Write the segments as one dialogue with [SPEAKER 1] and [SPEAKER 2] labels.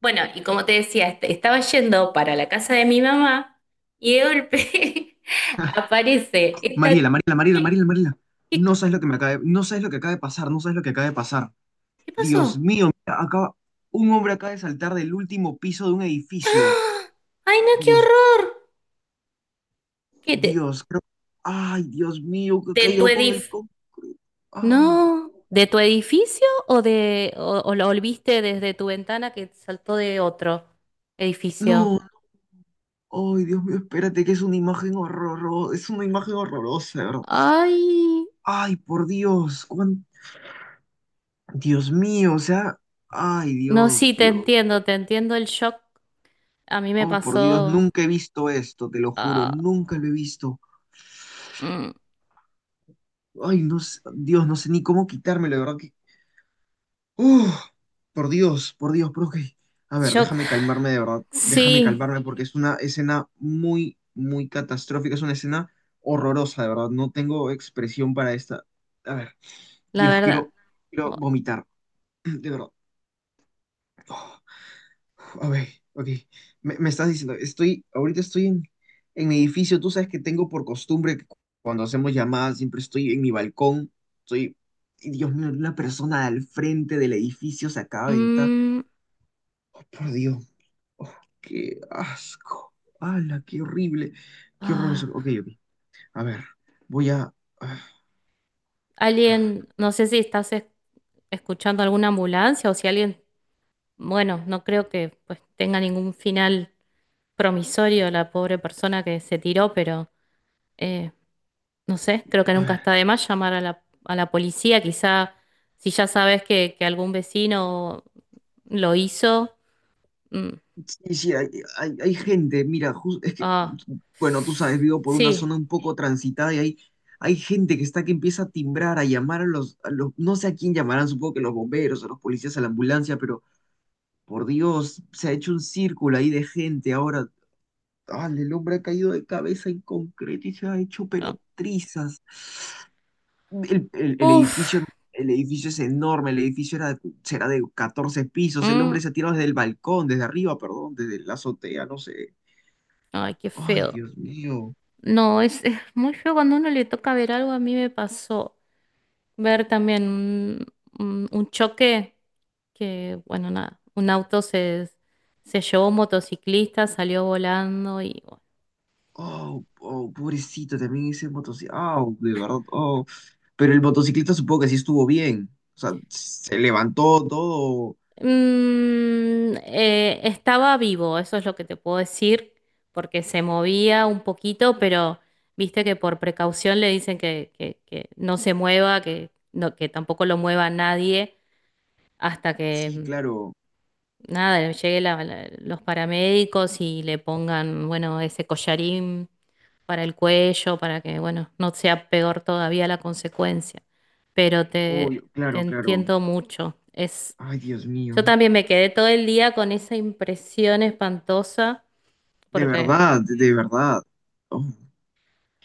[SPEAKER 1] Bueno, y como te decía, estaba yendo para la casa de mi mamá y de golpe aparece esta...
[SPEAKER 2] Mariela, Mariela, Mariela,
[SPEAKER 1] ¿Qué,
[SPEAKER 2] Mariela, Mariela. No
[SPEAKER 1] qué-
[SPEAKER 2] sabes lo que me acaba de, no sabes lo que acaba de pasar, no sabes lo que acaba de pasar.
[SPEAKER 1] qué
[SPEAKER 2] Dios
[SPEAKER 1] pasó?
[SPEAKER 2] mío, mira, acaba, un hombre acaba de saltar del último piso de un edificio.
[SPEAKER 1] ¡Ah! ¡Ay, no, qué
[SPEAKER 2] Dios,
[SPEAKER 1] horror! ¿Qué,
[SPEAKER 2] Dios, creo- ay, Dios mío, que ha
[SPEAKER 1] de tu
[SPEAKER 2] caído con el,
[SPEAKER 1] edif...
[SPEAKER 2] co- ah,
[SPEAKER 1] No, ¿de tu edificio o o lo viste desde tu ventana que saltó de otro edificio?
[SPEAKER 2] no, ay, Dios mío, espérate, que es una imagen horrorosa, es una imagen horrorosa, ¿de verdad?
[SPEAKER 1] Ay,
[SPEAKER 2] Ay, por Dios, cuán- Dios mío, o sea, ay,
[SPEAKER 1] no, sí,
[SPEAKER 2] Dios, Dios,
[SPEAKER 1] te entiendo el shock. A mí me
[SPEAKER 2] oh, por Dios,
[SPEAKER 1] pasó...
[SPEAKER 2] nunca he visto esto, te lo juro,
[SPEAKER 1] ah,
[SPEAKER 2] nunca lo he visto.
[SPEAKER 1] mm,
[SPEAKER 2] Ay, no sé, Dios, no sé ni cómo quitármelo, de verdad que. ¡Uf! Por Dios, por Dios, pero ok. A ver,
[SPEAKER 1] shock.
[SPEAKER 2] déjame calmarme, de verdad. Déjame
[SPEAKER 1] Sí.
[SPEAKER 2] calmarme porque es una escena muy, muy catastrófica. Es una escena horrorosa, de verdad. No tengo expresión para esta. A ver,
[SPEAKER 1] La
[SPEAKER 2] Dios,
[SPEAKER 1] verdad.
[SPEAKER 2] quiero, quiero
[SPEAKER 1] o-
[SPEAKER 2] vomitar, de verdad. ¡Oh! Ok, ok. Me estás diciendo, estoy, ahorita estoy en mi edificio. Tú sabes que tengo por costumbre que cu- cuando hacemos llamadas siempre estoy en mi balcón. Estoy, y Dios mío, una persona al frente del edificio se acaba de entrar.
[SPEAKER 1] mm,
[SPEAKER 2] Oh, por Dios. Oh, qué asco. ¡Hala, qué horrible! Qué horroroso. Ok,
[SPEAKER 1] ah,
[SPEAKER 2] ok. A ver, voy a. ah,
[SPEAKER 1] alguien, no sé si estás escuchando alguna ambulancia o si alguien, bueno, no creo que pues tenga ningún final promisorio la pobre persona que se tiró, pero eh, no sé, creo que
[SPEAKER 2] A
[SPEAKER 1] nunca
[SPEAKER 2] ver.
[SPEAKER 1] está de más llamar a a la policía. Quizá si ya sabes que algún vecino lo hizo. mm,
[SPEAKER 2] Sí, sí, hay gente, mira, jus- es que,
[SPEAKER 1] ah,
[SPEAKER 2] bueno, tú sabes, vivo por una
[SPEAKER 1] sí.
[SPEAKER 2] zona un poco transitada y hay gente que está que empieza a timbrar, a llamar a los- no sé a quién llamarán, supongo que los bomberos, a los policías, a la ambulancia, pero por Dios, se ha hecho un círculo ahí de gente. Ahora, ah, el hombre ha caído de cabeza en concreto y se ha hecho
[SPEAKER 1] No.
[SPEAKER 2] pero trizas. El, el- el
[SPEAKER 1] Uf.
[SPEAKER 2] edificio, el edificio es enorme, el edificio era, será de 14 pisos, el
[SPEAKER 1] mm,
[SPEAKER 2] hombre se ha tirado desde el balcón, desde arriba, perdón, desde la azotea, no sé.
[SPEAKER 1] ay, qué
[SPEAKER 2] Ay,
[SPEAKER 1] feo.
[SPEAKER 2] Dios mío.
[SPEAKER 1] No, es muy feo cuando a uno le toca ver algo. A mí me pasó ver también un, un choque que, bueno, nada, un auto se llevó un motociclista, salió volando y... bueno.
[SPEAKER 2] Oh, oh, pobrecito, también ese motociclista. Oh, de verdad. Oh. Pero el motociclista supongo que sí estuvo bien. O sea, se levantó todo.
[SPEAKER 1] Estaba vivo, eso es lo que te puedo decir, porque se movía un poquito, pero viste que por precaución le dicen que, que no se mueva, que, no, que tampoco lo mueva nadie hasta
[SPEAKER 2] Sí,
[SPEAKER 1] que...
[SPEAKER 2] claro.
[SPEAKER 1] nada, llegue los paramédicos y le pongan, bueno, ese collarín para el cuello, para que, bueno, no sea peor todavía la consecuencia. Pero
[SPEAKER 2] Oh,
[SPEAKER 1] te
[SPEAKER 2] claro, claro.
[SPEAKER 1] entiendo mucho. Es,
[SPEAKER 2] Ay, Dios
[SPEAKER 1] yo
[SPEAKER 2] mío.
[SPEAKER 1] también me quedé todo el día con esa impresión espantosa,
[SPEAKER 2] De
[SPEAKER 1] porque,
[SPEAKER 2] verdad, de verdad. Oh.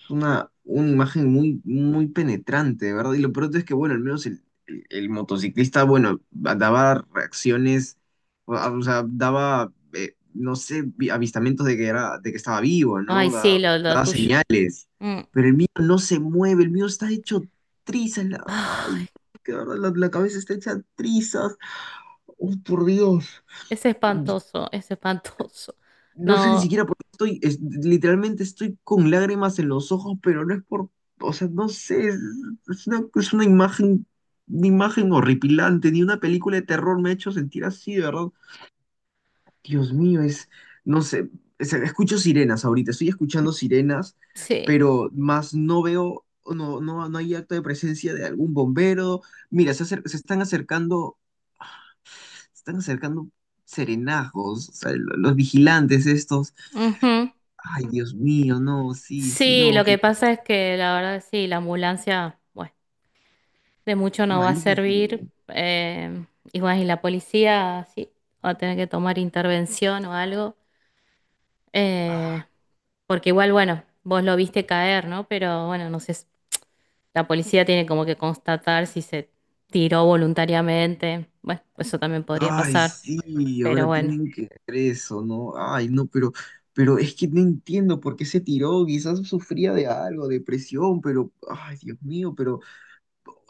[SPEAKER 2] Una imagen muy, muy penetrante, ¿verdad? Y lo peor es que, bueno, al menos el motociclista, bueno, daba reacciones, o sea, daba, no sé, vi- avistamientos de que era, de que estaba vivo,
[SPEAKER 1] ay,
[SPEAKER 2] ¿no? Da-
[SPEAKER 1] sí, lo
[SPEAKER 2] daba
[SPEAKER 1] tuyo.
[SPEAKER 2] señales.
[SPEAKER 1] Mm.
[SPEAKER 2] Pero el mío no se mueve, el mío está hecho trizas. La- ay,
[SPEAKER 1] Ay,
[SPEAKER 2] que de verdad, la cabeza está hecha trizas. Oh, por Dios.
[SPEAKER 1] es espantoso, es espantoso.
[SPEAKER 2] No sé ni
[SPEAKER 1] No,
[SPEAKER 2] siquiera por qué estoy, es- literalmente estoy con lágrimas en los ojos, pero no es por, o sea, no sé, es una imagen horripilante, ni una película de terror me ha hecho sentir así, de verdad. Dios mío, es, no sé, es- escucho sirenas ahorita, estoy escuchando sirenas,
[SPEAKER 1] sí.
[SPEAKER 2] pero más no veo, no, no, no hay acto de presencia de algún bombero. Mira, se, acer- se están acercando serenazgos, o sea, lo- los vigilantes estos.
[SPEAKER 1] Ujú.
[SPEAKER 2] Ay, Dios mío, no, sí, sí,
[SPEAKER 1] Sí,
[SPEAKER 2] no,
[SPEAKER 1] lo que
[SPEAKER 2] que
[SPEAKER 1] pasa es que la verdad sí, la ambulancia, bueno. De mucho no va a
[SPEAKER 2] malísimo.
[SPEAKER 1] servir. Y bueno, y la policía sí va a tener que tomar intervención o algo. eh,
[SPEAKER 2] Ah,
[SPEAKER 1] porque igual, bueno, vos lo viste caer, ¿no? Pero bueno, no sé, la policía tiene como que constatar si se tiró voluntariamente. Bueno, eso también podría
[SPEAKER 2] ay,
[SPEAKER 1] pasar.
[SPEAKER 2] sí,
[SPEAKER 1] Pero
[SPEAKER 2] ahora
[SPEAKER 1] bueno,
[SPEAKER 2] tienen que hacer eso, ¿no? Ay, no, pero es que no entiendo por qué se tiró, quizás sufría de algo, depresión, pero, ay, Dios mío, pero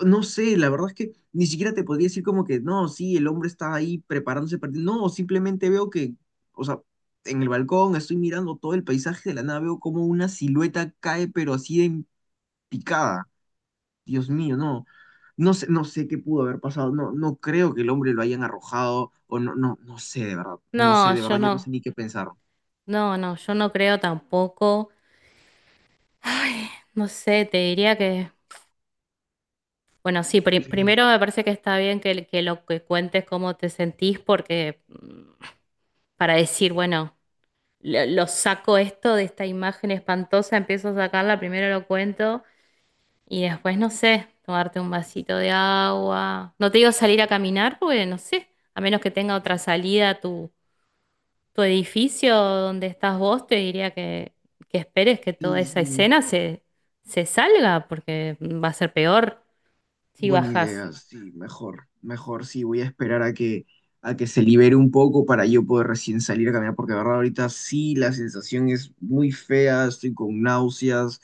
[SPEAKER 2] no sé, la verdad es que ni siquiera te podría decir como que, no, sí, el hombre está ahí preparándose para ti. No, simplemente veo que, o sea, en el balcón estoy mirando todo el paisaje de la nave, veo como una silueta cae, pero así de en picada. Dios mío, no. No sé, no sé qué pudo haber pasado. No, no creo que el hombre lo hayan arrojado. O no, no, no sé de verdad. No
[SPEAKER 1] no,
[SPEAKER 2] sé, de
[SPEAKER 1] yo
[SPEAKER 2] verdad, ya no no, sé
[SPEAKER 1] no,
[SPEAKER 2] ni qué pensar.
[SPEAKER 1] no, no, yo no creo tampoco. No sé, te diría que... Bueno, sí,
[SPEAKER 2] Dios,
[SPEAKER 1] primero me parece que está bien que lo que cuentes cómo te sentís, porque para decir, bueno, lo saco esto de esta imagen espantosa, empiezo a sacarla, primero lo cuento y después, no sé, tomarte un vasito de agua. No te digo salir a caminar, porque no sé, a menos que tenga otra salida a tu, tu edificio donde estás vos, te diría que esperes que toda
[SPEAKER 2] sí,
[SPEAKER 1] esa
[SPEAKER 2] sí.
[SPEAKER 1] escena se, se salga, porque va a ser peor si
[SPEAKER 2] Buena
[SPEAKER 1] bajas.
[SPEAKER 2] idea, sí, mejor, mejor, sí, voy a esperar a que se libere un poco para yo poder recién salir a caminar, porque de verdad ahorita sí la sensación es muy fea, estoy con náuseas,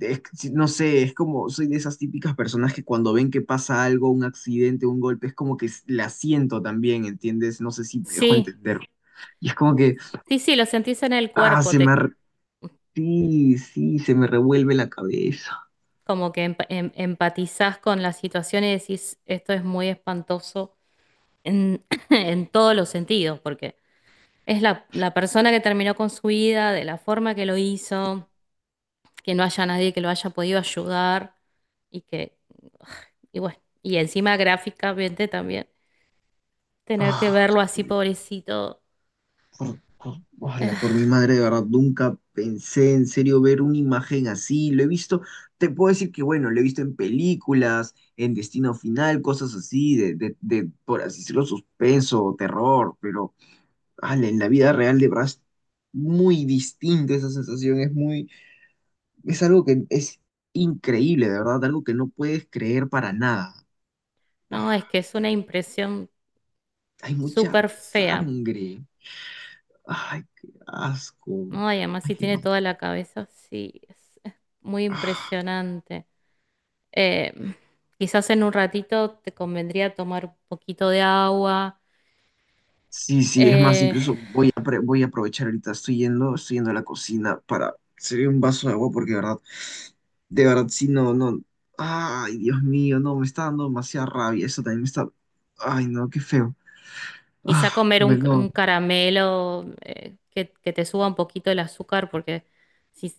[SPEAKER 2] es- sí, no sé, es como, soy de esas típicas personas que cuando ven que pasa algo, un accidente, un golpe, es como que la siento también, ¿entiendes? No sé si me dejo
[SPEAKER 1] Sí.
[SPEAKER 2] entender. Y es como que,
[SPEAKER 1] Sí, sí, lo sentís en el
[SPEAKER 2] ah,
[SPEAKER 1] cuerpo,
[SPEAKER 2] se me,
[SPEAKER 1] te
[SPEAKER 2] ar- sí, sí, se me revuelve la cabeza.
[SPEAKER 1] como que empatizás con la situación y decís, esto es muy espantoso en, en todos los sentidos, porque es la, la persona que terminó con su vida, de la forma que lo hizo, que no haya nadie que lo haya podido ayudar y que, y bueno, y encima gráficamente también, tener que
[SPEAKER 2] Ah,
[SPEAKER 1] verlo así
[SPEAKER 2] sí.
[SPEAKER 1] pobrecito,
[SPEAKER 2] Por-
[SPEAKER 1] eh,
[SPEAKER 2] ojalá, por mi madre, de verdad, nunca pensé en serio ver una imagen así. Lo he visto, te puedo decir que, bueno, lo he visto en películas, en Destino Final, cosas así, de, por así decirlo, suspenso, terror, pero ala, en la vida real de verdad es muy distinta esa sensación, es muy, es algo que es increíble, de verdad, algo que no puedes creer para nada. Ah,
[SPEAKER 1] no, es que es una impresión
[SPEAKER 2] hay mucha
[SPEAKER 1] súper fea.
[SPEAKER 2] sangre. Ay, qué asco.
[SPEAKER 1] Ay, además
[SPEAKER 2] Ay,
[SPEAKER 1] si
[SPEAKER 2] qué
[SPEAKER 1] tiene
[SPEAKER 2] mal.
[SPEAKER 1] toda la cabeza, sí, es muy impresionante. Eh, quizás en un ratito te convendría tomar un poquito de agua,
[SPEAKER 2] Sí, sí, es más,
[SPEAKER 1] eh,
[SPEAKER 2] incluso voy a, apre- voy a aprovechar ahorita, estoy yendo a la cocina para servir un vaso de agua porque de verdad, sí, no, no, ay, Dios mío, no, me está dando demasiada rabia, eso también me está, ay, no, qué feo.
[SPEAKER 1] quizá
[SPEAKER 2] Ah,
[SPEAKER 1] comer
[SPEAKER 2] bueno,
[SPEAKER 1] un caramelo que te suba un poquito el azúcar, porque si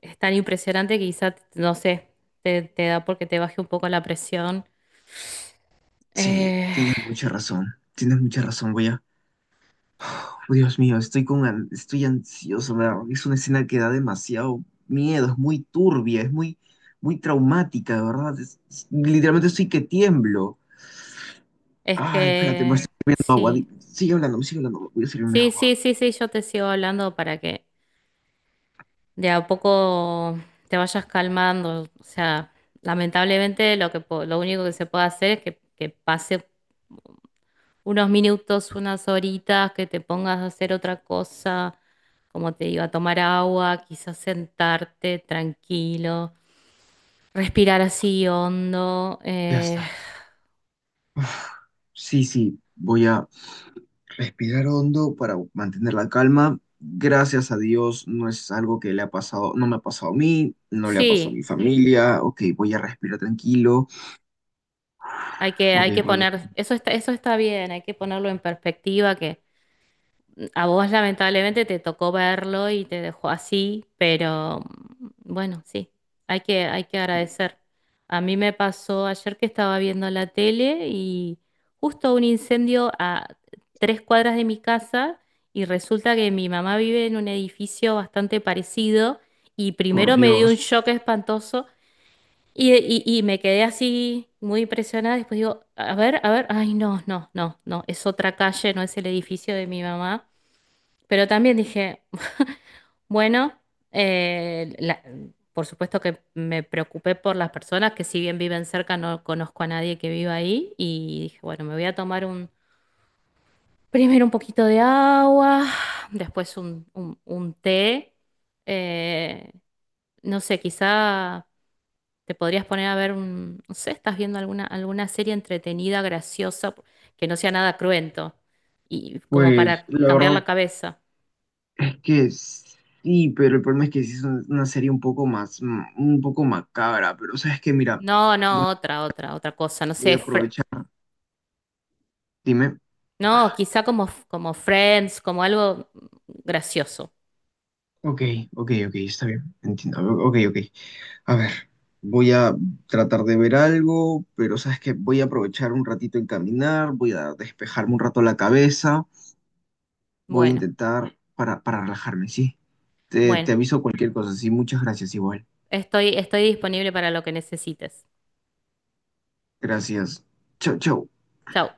[SPEAKER 1] es tan impresionante, quizá, no sé, te da porque te baje un poco la presión.
[SPEAKER 2] sí,
[SPEAKER 1] Eh,
[SPEAKER 2] tienes mucha razón, voy a, oh, Dios mío, estoy con, an- estoy ansioso, me da- es una escena que da demasiado miedo, es muy turbia, es muy, muy traumática, de verdad, es- literalmente estoy que tiemblo.
[SPEAKER 1] es
[SPEAKER 2] Ay, espérate, me
[SPEAKER 1] que
[SPEAKER 2] estoy bebiendo agua.
[SPEAKER 1] sí,
[SPEAKER 2] Di- sigue hablando, me sigue hablando. Voy a servirme
[SPEAKER 1] sí,
[SPEAKER 2] agua.
[SPEAKER 1] sí, sí, sí, yo te sigo hablando para que de a poco te vayas calmando. O sea, lamentablemente lo que lo único que se puede hacer es que pase unos minutos, unas horitas, que te pongas a hacer otra cosa, como te digo, a tomar agua, quizás sentarte tranquilo, respirar así hondo.
[SPEAKER 2] Ya estás. Uf, sí, sí, voy a respirar hondo para mantener la calma. Gracias a Dios, no es algo que le ha pasado, no me ha pasado a mí, no le ha pasado a
[SPEAKER 1] Sí,
[SPEAKER 2] mi familia. Ok, voy a respirar tranquilo. Ok,
[SPEAKER 1] hay que
[SPEAKER 2] voy a...
[SPEAKER 1] poner, eso está bien, hay que ponerlo en perspectiva que a vos lamentablemente te tocó verlo y te dejó así, pero mm, bueno, sí, hay que agradecer. A mí me pasó ayer que estaba viendo la tele y justo un incendio a tres cuadras de mi casa y resulta que mi mamá vive en un edificio bastante parecido y
[SPEAKER 2] Por
[SPEAKER 1] primero me dio un
[SPEAKER 2] Dios.
[SPEAKER 1] shock espantoso y me quedé así muy impresionada. Después digo, a ver, ay no, no, no, no, es otra calle, no es el edificio de mi mamá. Pero también dije, bueno, eh, la- por supuesto que me preocupé por las personas que si bien viven cerca, no conozco a nadie que viva ahí. Y dije, bueno, me voy a tomar un, primero un poquito de agua, después un, un té. eh, no sé, quizá te podrías poner a ver un, no sé, estás viendo alguna, alguna serie entretenida, graciosa, que no sea nada cruento, y como
[SPEAKER 2] Pues
[SPEAKER 1] para
[SPEAKER 2] la
[SPEAKER 1] cambiar
[SPEAKER 2] verdad
[SPEAKER 1] la cabeza.
[SPEAKER 2] es que sí, pero el problema es que sí es un- una serie un poco más, un poco macabra. Pero sabes que mira,
[SPEAKER 1] No, no, otra, otra, otra cosa. No sé,
[SPEAKER 2] voy a aprovechar. Dime.
[SPEAKER 1] no,
[SPEAKER 2] Ah,
[SPEAKER 1] quizá como, como Friends, como algo gracioso.
[SPEAKER 2] ok, ok, ok, está bien, entiendo. Ok, ok. A ver, voy a tratar de ver algo, pero sabes que voy a aprovechar un ratito en caminar, voy a despejarme un rato la cabeza, voy a
[SPEAKER 1] Bueno,
[SPEAKER 2] intentar para relajarme, ¿sí? Te,
[SPEAKER 1] bueno,
[SPEAKER 2] te aviso cualquier cosa, sí, muchas gracias igual.
[SPEAKER 1] estoy, estoy disponible para lo que necesites.
[SPEAKER 2] Gracias. Chau, chau.
[SPEAKER 1] Chau.